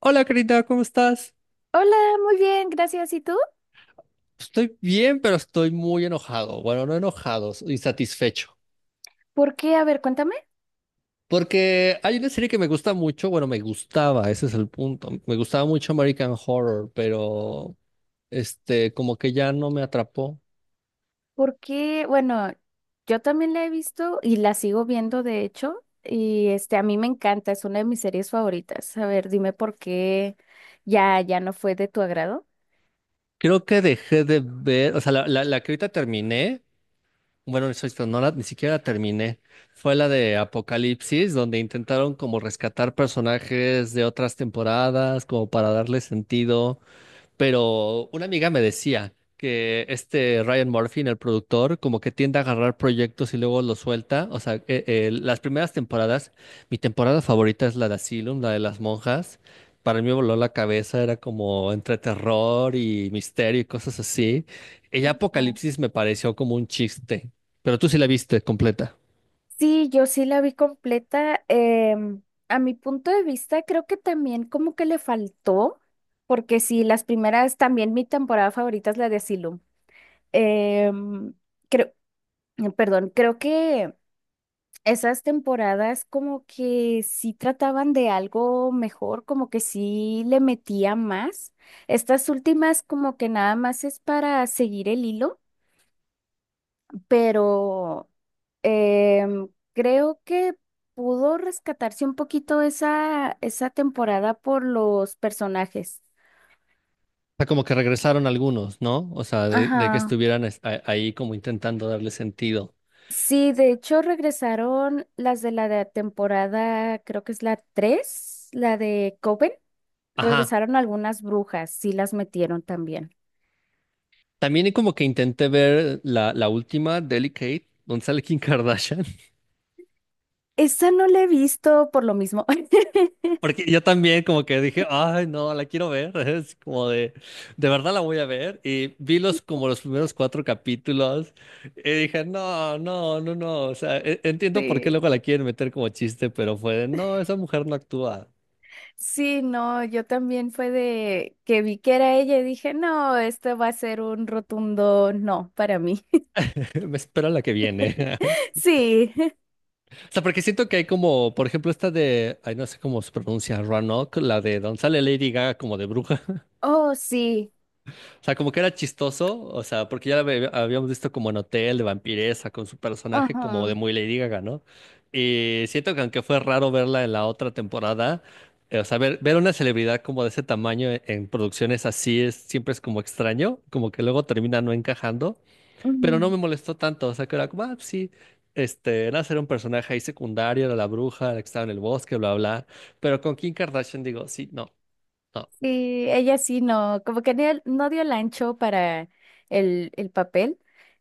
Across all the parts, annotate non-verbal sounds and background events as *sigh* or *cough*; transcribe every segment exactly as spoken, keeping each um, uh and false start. Hola, querida, ¿cómo estás? Hola, muy bien, gracias. ¿Y tú? Estoy bien, pero estoy muy enojado. Bueno, no enojado, insatisfecho. ¿Por qué? A ver, cuéntame. Porque hay una serie que me gusta mucho, bueno, me gustaba, ese es el punto. Me gustaba mucho American Horror, pero este, como que ya no me atrapó. ¿Por qué? Bueno, yo también la he visto y la sigo viendo, de hecho, y este, a mí me encanta, es una de mis series favoritas. A ver, dime por qué ya, ya no fue de tu agrado. Creo que dejé de ver, o sea, la, la, la que ahorita terminé, bueno, eso es- no la, ni siquiera la terminé. Fue la de Apocalipsis, donde intentaron como rescatar personajes de otras temporadas, como para darle sentido. Pero una amiga me decía que este Ryan Murphy, el productor, como que tiende a agarrar proyectos y luego los suelta. O sea, eh, eh, las primeras temporadas, mi temporada favorita es la de Asylum, la de las monjas. Para mí me voló la cabeza, era como entre terror y misterio y cosas así. Y ya Ah. Apocalipsis me pareció como un chiste, pero tú sí la viste completa. Sí, yo sí la vi completa. Em, a mi punto de vista, creo que también como que le faltó, porque sí, las primeras, también mi temporada favorita es la de Asylum. Em, creo, Perdón, creo que esas temporadas como que sí trataban de algo mejor, como que sí le metía más. Estas últimas como que nada más es para seguir el hilo, pero em, creo que pudo rescatarse un poquito esa, esa temporada por los personajes. O sea, como que regresaron algunos, ¿no? O sea, de, de que Ajá. estuvieran es- a- ahí como intentando darle sentido. Sí, de hecho regresaron las de la de temporada, creo que es la tres, la de Coven. Ajá. Regresaron algunas brujas, sí las metieron también. También como que intenté ver la, la última, Delicate, donde sale Kim Kardashian, Esa no la he visto por lo mismo. *laughs* *laughs* porque yo también como que dije, ay, no, la quiero ver, *laughs* es como de, de verdad la voy a ver, y vi los como los primeros cuatro capítulos, y dije, no, no, no, no, o sea, e- entiendo por qué Sí, luego la quieren meter como chiste, pero fue de, no, esa mujer no actúa, sí, no, yo también fue de que vi que era ella y dije, no, esto va a ser un rotundo no para mí. *laughs* *laughs* me espera la que viene. *laughs* Sí, O sea, porque siento que hay como, por ejemplo, esta de, ay, no sé cómo se pronuncia, Roanoke, la de donde sale Lady Gaga como de bruja. oh, sí, O sea, como que era chistoso, o sea, porque ya la ve- habíamos visto como en Hotel de vampiresa con su personaje como de ajá. muy Lady Gaga, ¿no? Y siento que aunque fue raro verla en la otra temporada, eh, o sea, ver, ver una celebridad como de ese tamaño en, en producciones así es siempre es como extraño, como que luego termina no encajando, pero no me molestó tanto, o sea, que era como, ah, sí, este, era ser un personaje ahí secundario, era la bruja, la que estaba en el bosque, bla, bla, pero con Kim Kardashian digo, sí, no. No. Sí, ella sí no, como que ni- no dio el ancho para el, el papel.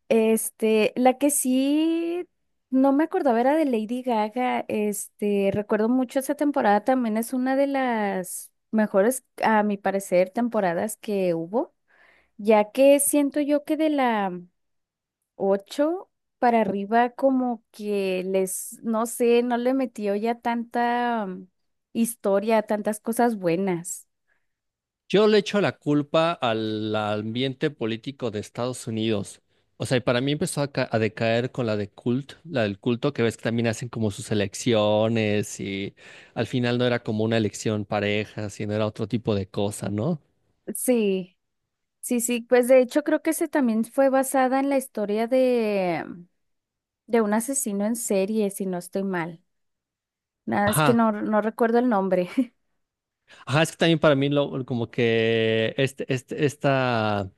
Este, la que sí no me acordaba era de Lady Gaga. Este, recuerdo mucho esa temporada, también es una de las mejores, a mi parecer, temporadas que hubo, ya que siento yo que de la ocho para arriba como que les, no sé, no le metió ya tanta mm, historia, tantas cosas buenas. Yo le echo la culpa al ambiente político de Estados Unidos. O sea, y para mí empezó a, ca- a decaer con la de cult, la del culto, que ves que también hacen como sus elecciones y al final no era como una elección pareja, sino era otro tipo de cosa, ¿no? Sí. Sí, sí, pues de hecho creo que ese también fue basada en la historia de, de un asesino en serie, si no estoy mal. Nada, es que Ajá, no, no recuerdo el nombre. *laughs* ajá, es que también para mí lo, como que este, este, esta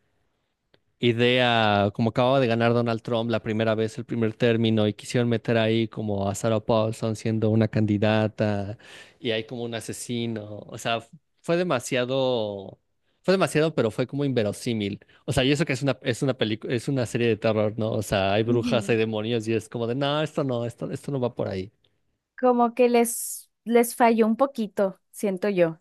idea, como acababa de ganar Donald Trump la primera vez, el primer término, y quisieron meter ahí como a Sarah Paulson siendo una candidata, y hay como un asesino, o sea, fue demasiado, fue demasiado, pero fue como inverosímil. O sea, y eso que es una, es una película, es una serie de terror, ¿no? O sea, hay brujas, hay Ujú. demonios, y es como de, no, esto no, esto, esto no va por ahí. Como que les, les falló un poquito, siento yo.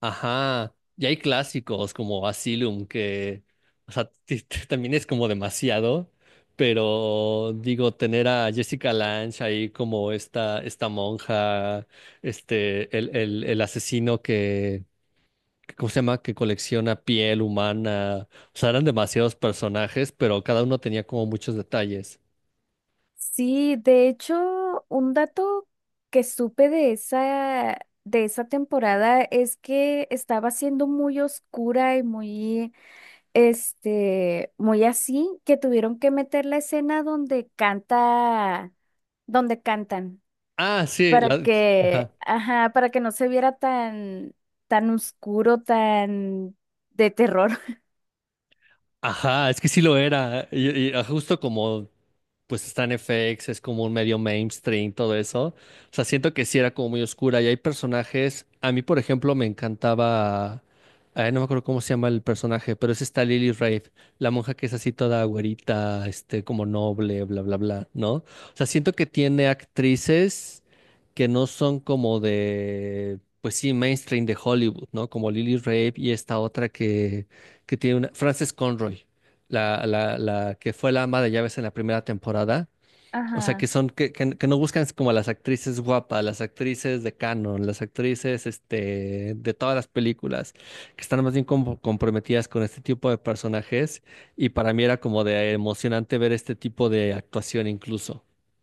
Ajá, y hay clásicos como Asylum que, o sea, *laughs* ti- ti- también es como demasiado, pero digo, tener a Jessica Lange ahí como esta, esta monja, este, el, el, el asesino que, que, ¿cómo se llama? Que colecciona piel humana, o sea, eran demasiados personajes, pero cada uno tenía como muchos detalles. Sí, de hecho, un dato que supe de esa, de esa temporada es que estaba siendo muy oscura y muy, este, muy así, que tuvieron que meter la escena donde canta, donde cantan, Ah, sí, para la- que, ajá, ajá, para que no se viera tan, tan oscuro, tan de terror. *laughs* ajá, es que sí lo era, y, y, ah, justo como pues está en F X, es como un medio mainstream, todo eso. O sea, siento que sí era como muy oscura y hay personajes, a mí por ejemplo me encantaba, ay, no me acuerdo cómo se llama el personaje, pero es esta Lily Rafe, la monja que es así toda güerita, este, como noble, bla, bla, bla, ¿no? O sea, siento que tiene actrices que no son como de, pues sí, mainstream de Hollywood, ¿no? Como Lily Rafe y esta otra que, que tiene una, Frances Conroy la, la, la que fue la ama de llaves en la primera temporada. O sea, que Ajá. son, que, que, que no buscan como a las actrices guapas, las actrices de canon, las actrices este, de todas las películas, que están más bien como comprometidas con este tipo de personajes. Y para mí era como de emocionante ver este tipo de actuación incluso. *laughs*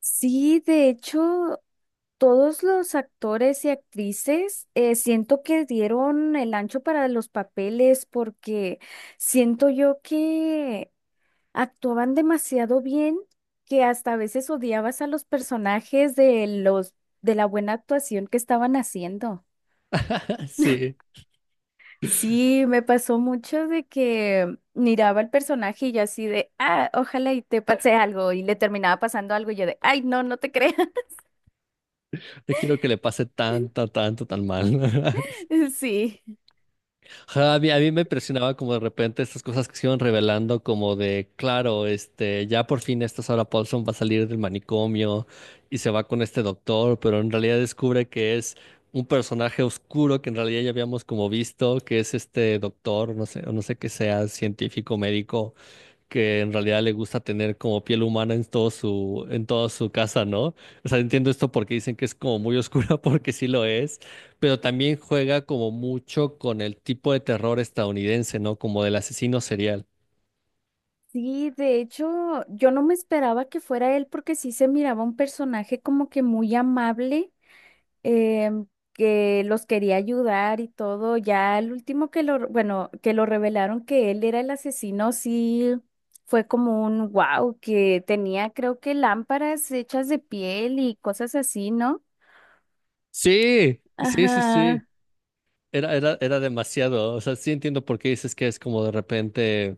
Sí, de hecho, todos los actores y actrices eh, siento que dieron el ancho para los papeles porque siento yo que actuaban demasiado bien que hasta a veces odiabas a los personajes de los de la buena actuación que estaban haciendo. Sí, Sí, me pasó mucho de que miraba al personaje y yo así de, ah, ojalá y te pase algo y le terminaba pasando algo y yo de, ay, no, no te creas. *laughs* no quiero que le pase tanto, tanto, tan mal. *laughs* Sí. Ajá, a mí, a mí me impresionaba como de repente estas cosas que se iban revelando, como de, claro, este, ya por fin esta Sarah Paulson va a salir del manicomio y se va con este doctor, pero en realidad descubre que es un personaje oscuro que en realidad ya habíamos como visto, que es este doctor, no sé, o no sé qué sea, científico, médico, que en realidad le gusta tener como piel humana en todo su, en toda su casa, ¿no? O sea, entiendo esto porque dicen que es como muy oscura, *laughs* porque sí lo es, pero también juega como mucho con el tipo de terror estadounidense, ¿no? Como del asesino serial. Sí, de hecho, yo no me esperaba que fuera él porque sí se miraba un personaje como que muy amable em, que los quería ayudar y todo. Ya el último que lo, bueno, que lo revelaron que él era el asesino, sí fue como un wow, que tenía creo que lámparas hechas de piel y cosas así, ¿no? Sí, sí, sí, Ajá. Sí. Era, era, era demasiado. O sea, sí entiendo por qué dices que es como de repente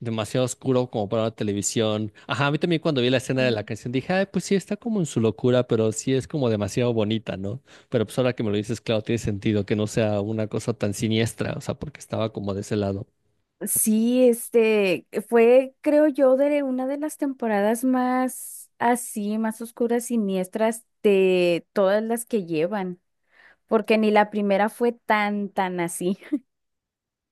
demasiado oscuro como para una televisión. Ajá, a mí también cuando vi la escena de la Mm. canción dije, ay, pues sí, está como en su locura, pero sí es como demasiado bonita, ¿no? Pero pues ahora que me lo dices, claro, tiene sentido que no sea una cosa tan siniestra, o sea, porque estaba como de ese lado. Sí, este fue, creo yo, de una de las temporadas más así, más oscuras, siniestras de todas las que llevan, porque ni la primera fue tan, tan así.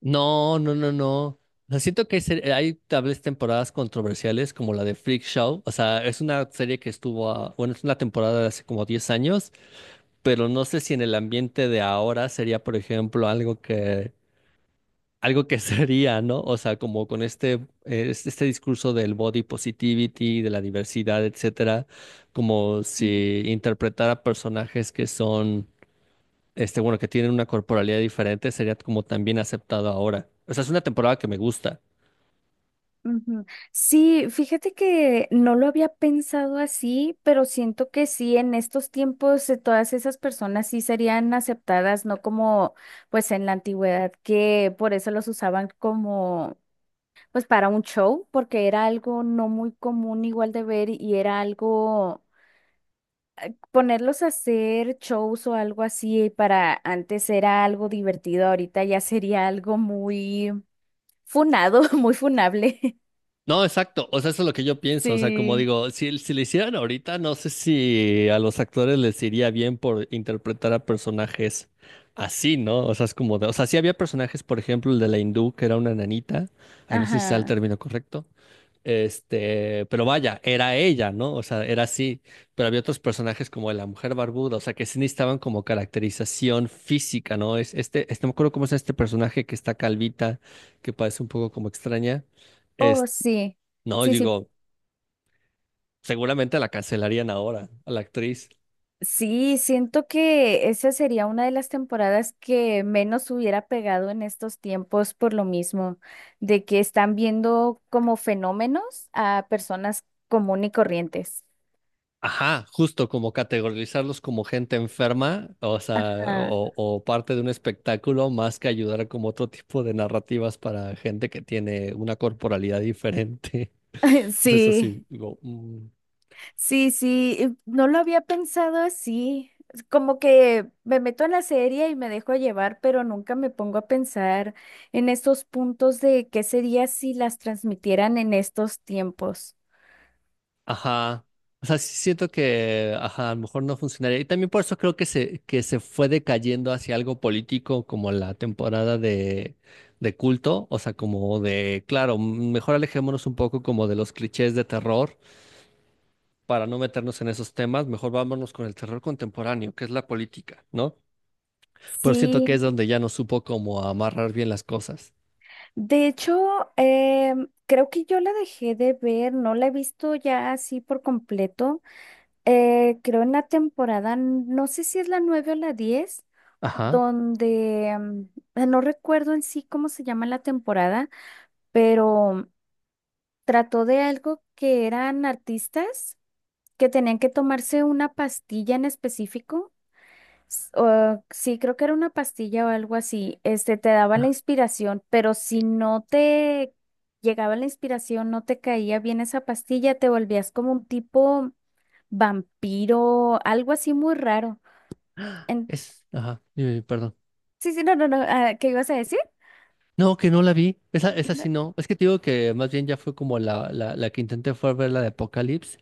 No, no, no, no. O sea, siento que se- hay tal vez temporadas controversiales como la de Freak Show. O sea, es una serie que estuvo, a- bueno, es una temporada de hace como diez años, pero no sé si en el ambiente de ahora sería, por ejemplo, algo que algo que sería, ¿no? O sea, como con este, eh, es- este discurso del body positivity, de la diversidad, etcétera, como si interpretara personajes que son, este, bueno, que tienen una corporalidad diferente, sería como también aceptado ahora. O sea, es una temporada que me gusta. Ujú. Sí, fíjate que no lo había pensado así, pero siento que sí, en estos tiempos eh, todas esas personas sí serían aceptadas, no como pues en la antigüedad, que por eso los usaban como pues para un show, porque era algo no muy común igual de ver y era algo ponerlos a hacer shows o algo así para antes era algo divertido, ahorita ya sería algo muy funado, *laughs* muy funable. *laughs* No, exacto. O sea, eso es lo que yo pienso. O sea, como Sí. digo, si, si lo hicieran ahorita, no sé si a los actores les iría bien por interpretar a personajes así, ¿no? O sea, es como de, o sea, sí había personajes, por ejemplo, el de la hindú, que era una nanita. Ahí no sé si sea el Ajá. término correcto. Este, pero vaya, era ella, ¿no? O sea, era así. Pero había otros personajes como la mujer barbuda, o sea, que sí necesitaban como caracterización física, ¿no? Es este, este, no me acuerdo cómo es este personaje que está calvita, que parece un poco como extraña. Oh, Este, sí, no, sí, sí, digo, seguramente la cancelarían ahora, a la actriz. sí, siento que esa sería una de las temporadas que menos hubiera pegado en estos tiempos por lo mismo, de que están viendo como fenómenos a personas común y corrientes. Ajá, justo como categorizarlos como gente enferma, o sea, Ah, o, o parte de un espectáculo, más que ayudar a como otro tipo de narrativas para gente que tiene una corporalidad diferente. *laughs* *laughs* Entonces, eso sí, sí, digo, mm. sí, sí, eh, no lo había pensado así. Es como que me meto en la serie y me dejo llevar, pero nunca me pongo a pensar en estos puntos de qué sería si las transmitieran en estos tiempos. Ajá. O sea, sí siento que, ajá, a lo mejor no funcionaría. Y también por eso creo que se, que se fue decayendo hacia algo político como la temporada de, de culto. O sea, como de, claro, mm, mejor alejémonos un poco como de los clichés de terror para no meternos en esos temas. Mejor vámonos con el terror contemporáneo, que es la política, ¿no? Pero siento que es Sí, donde ya no supo como amarrar bien las cosas. de hecho, em, creo que yo la dejé de ver, no la he visto ya así por completo. Eh, creo en la temporada, n- no sé si es la nueve o la diez, Ajá. donde em, eh, no recuerdo en sí cómo se llama la temporada, pero trató de algo que eran artistas que tenían que tomarse una pastilla en específico. S- o- sí, creo que era una pastilla o algo así. Este, te daba la Ah, inspiración, pero si no te llegaba la inspiración, no te caía bien esa pastilla, te volvías como un tipo vampiro, algo así muy raro. En- es, ajá, dime, dime, perdón. sí, sí, no, no, no. Ah, ¿qué ibas a decir? No, que no la vi. Esa, esa sí No, no. Es que te digo que más bien ya fue como la, la, la que intenté fue ver la de Apocalypse.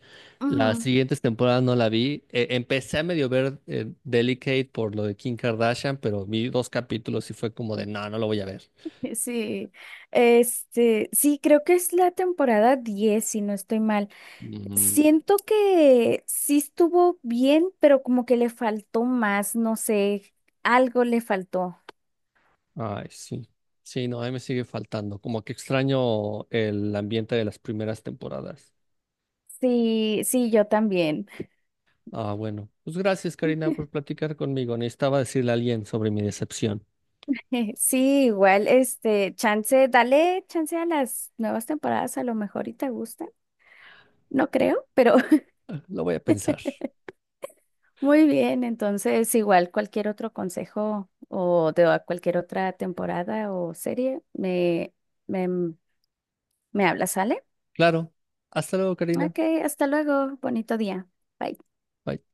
Las ujú, siguientes temporadas no la vi. Eh, empecé a medio ver eh, Delicate por lo de Kim Kardashian, pero vi dos capítulos y fue como de, no, no lo voy a ver. *laughs* sí, este, sí, creo que es la temporada diez si no estoy mal. Mm, Siento que sí estuvo bien, pero como que le faltó más, no sé, algo le faltó. ay, sí. Sí, no, ahí me sigue faltando. Como que extraño el ambiente de las primeras temporadas. Sí, sí, yo también. Ah, bueno. Pues gracias, Karina, por platicar conmigo. Necesitaba decirle a alguien sobre mi decepción. *laughs* Sí, igual, este, chance, dale chance a las nuevas temporadas, a lo mejor y te gusta. No creo, pero *laughs* Ah, lo voy a pensar. muy bien. Entonces, igual cualquier otro consejo o de a cualquier otra temporada o serie, me, me, me hablas, ¿sale? Claro. Hasta luego, Karina. Ok, hasta luego, bonito día. Bye. Bye.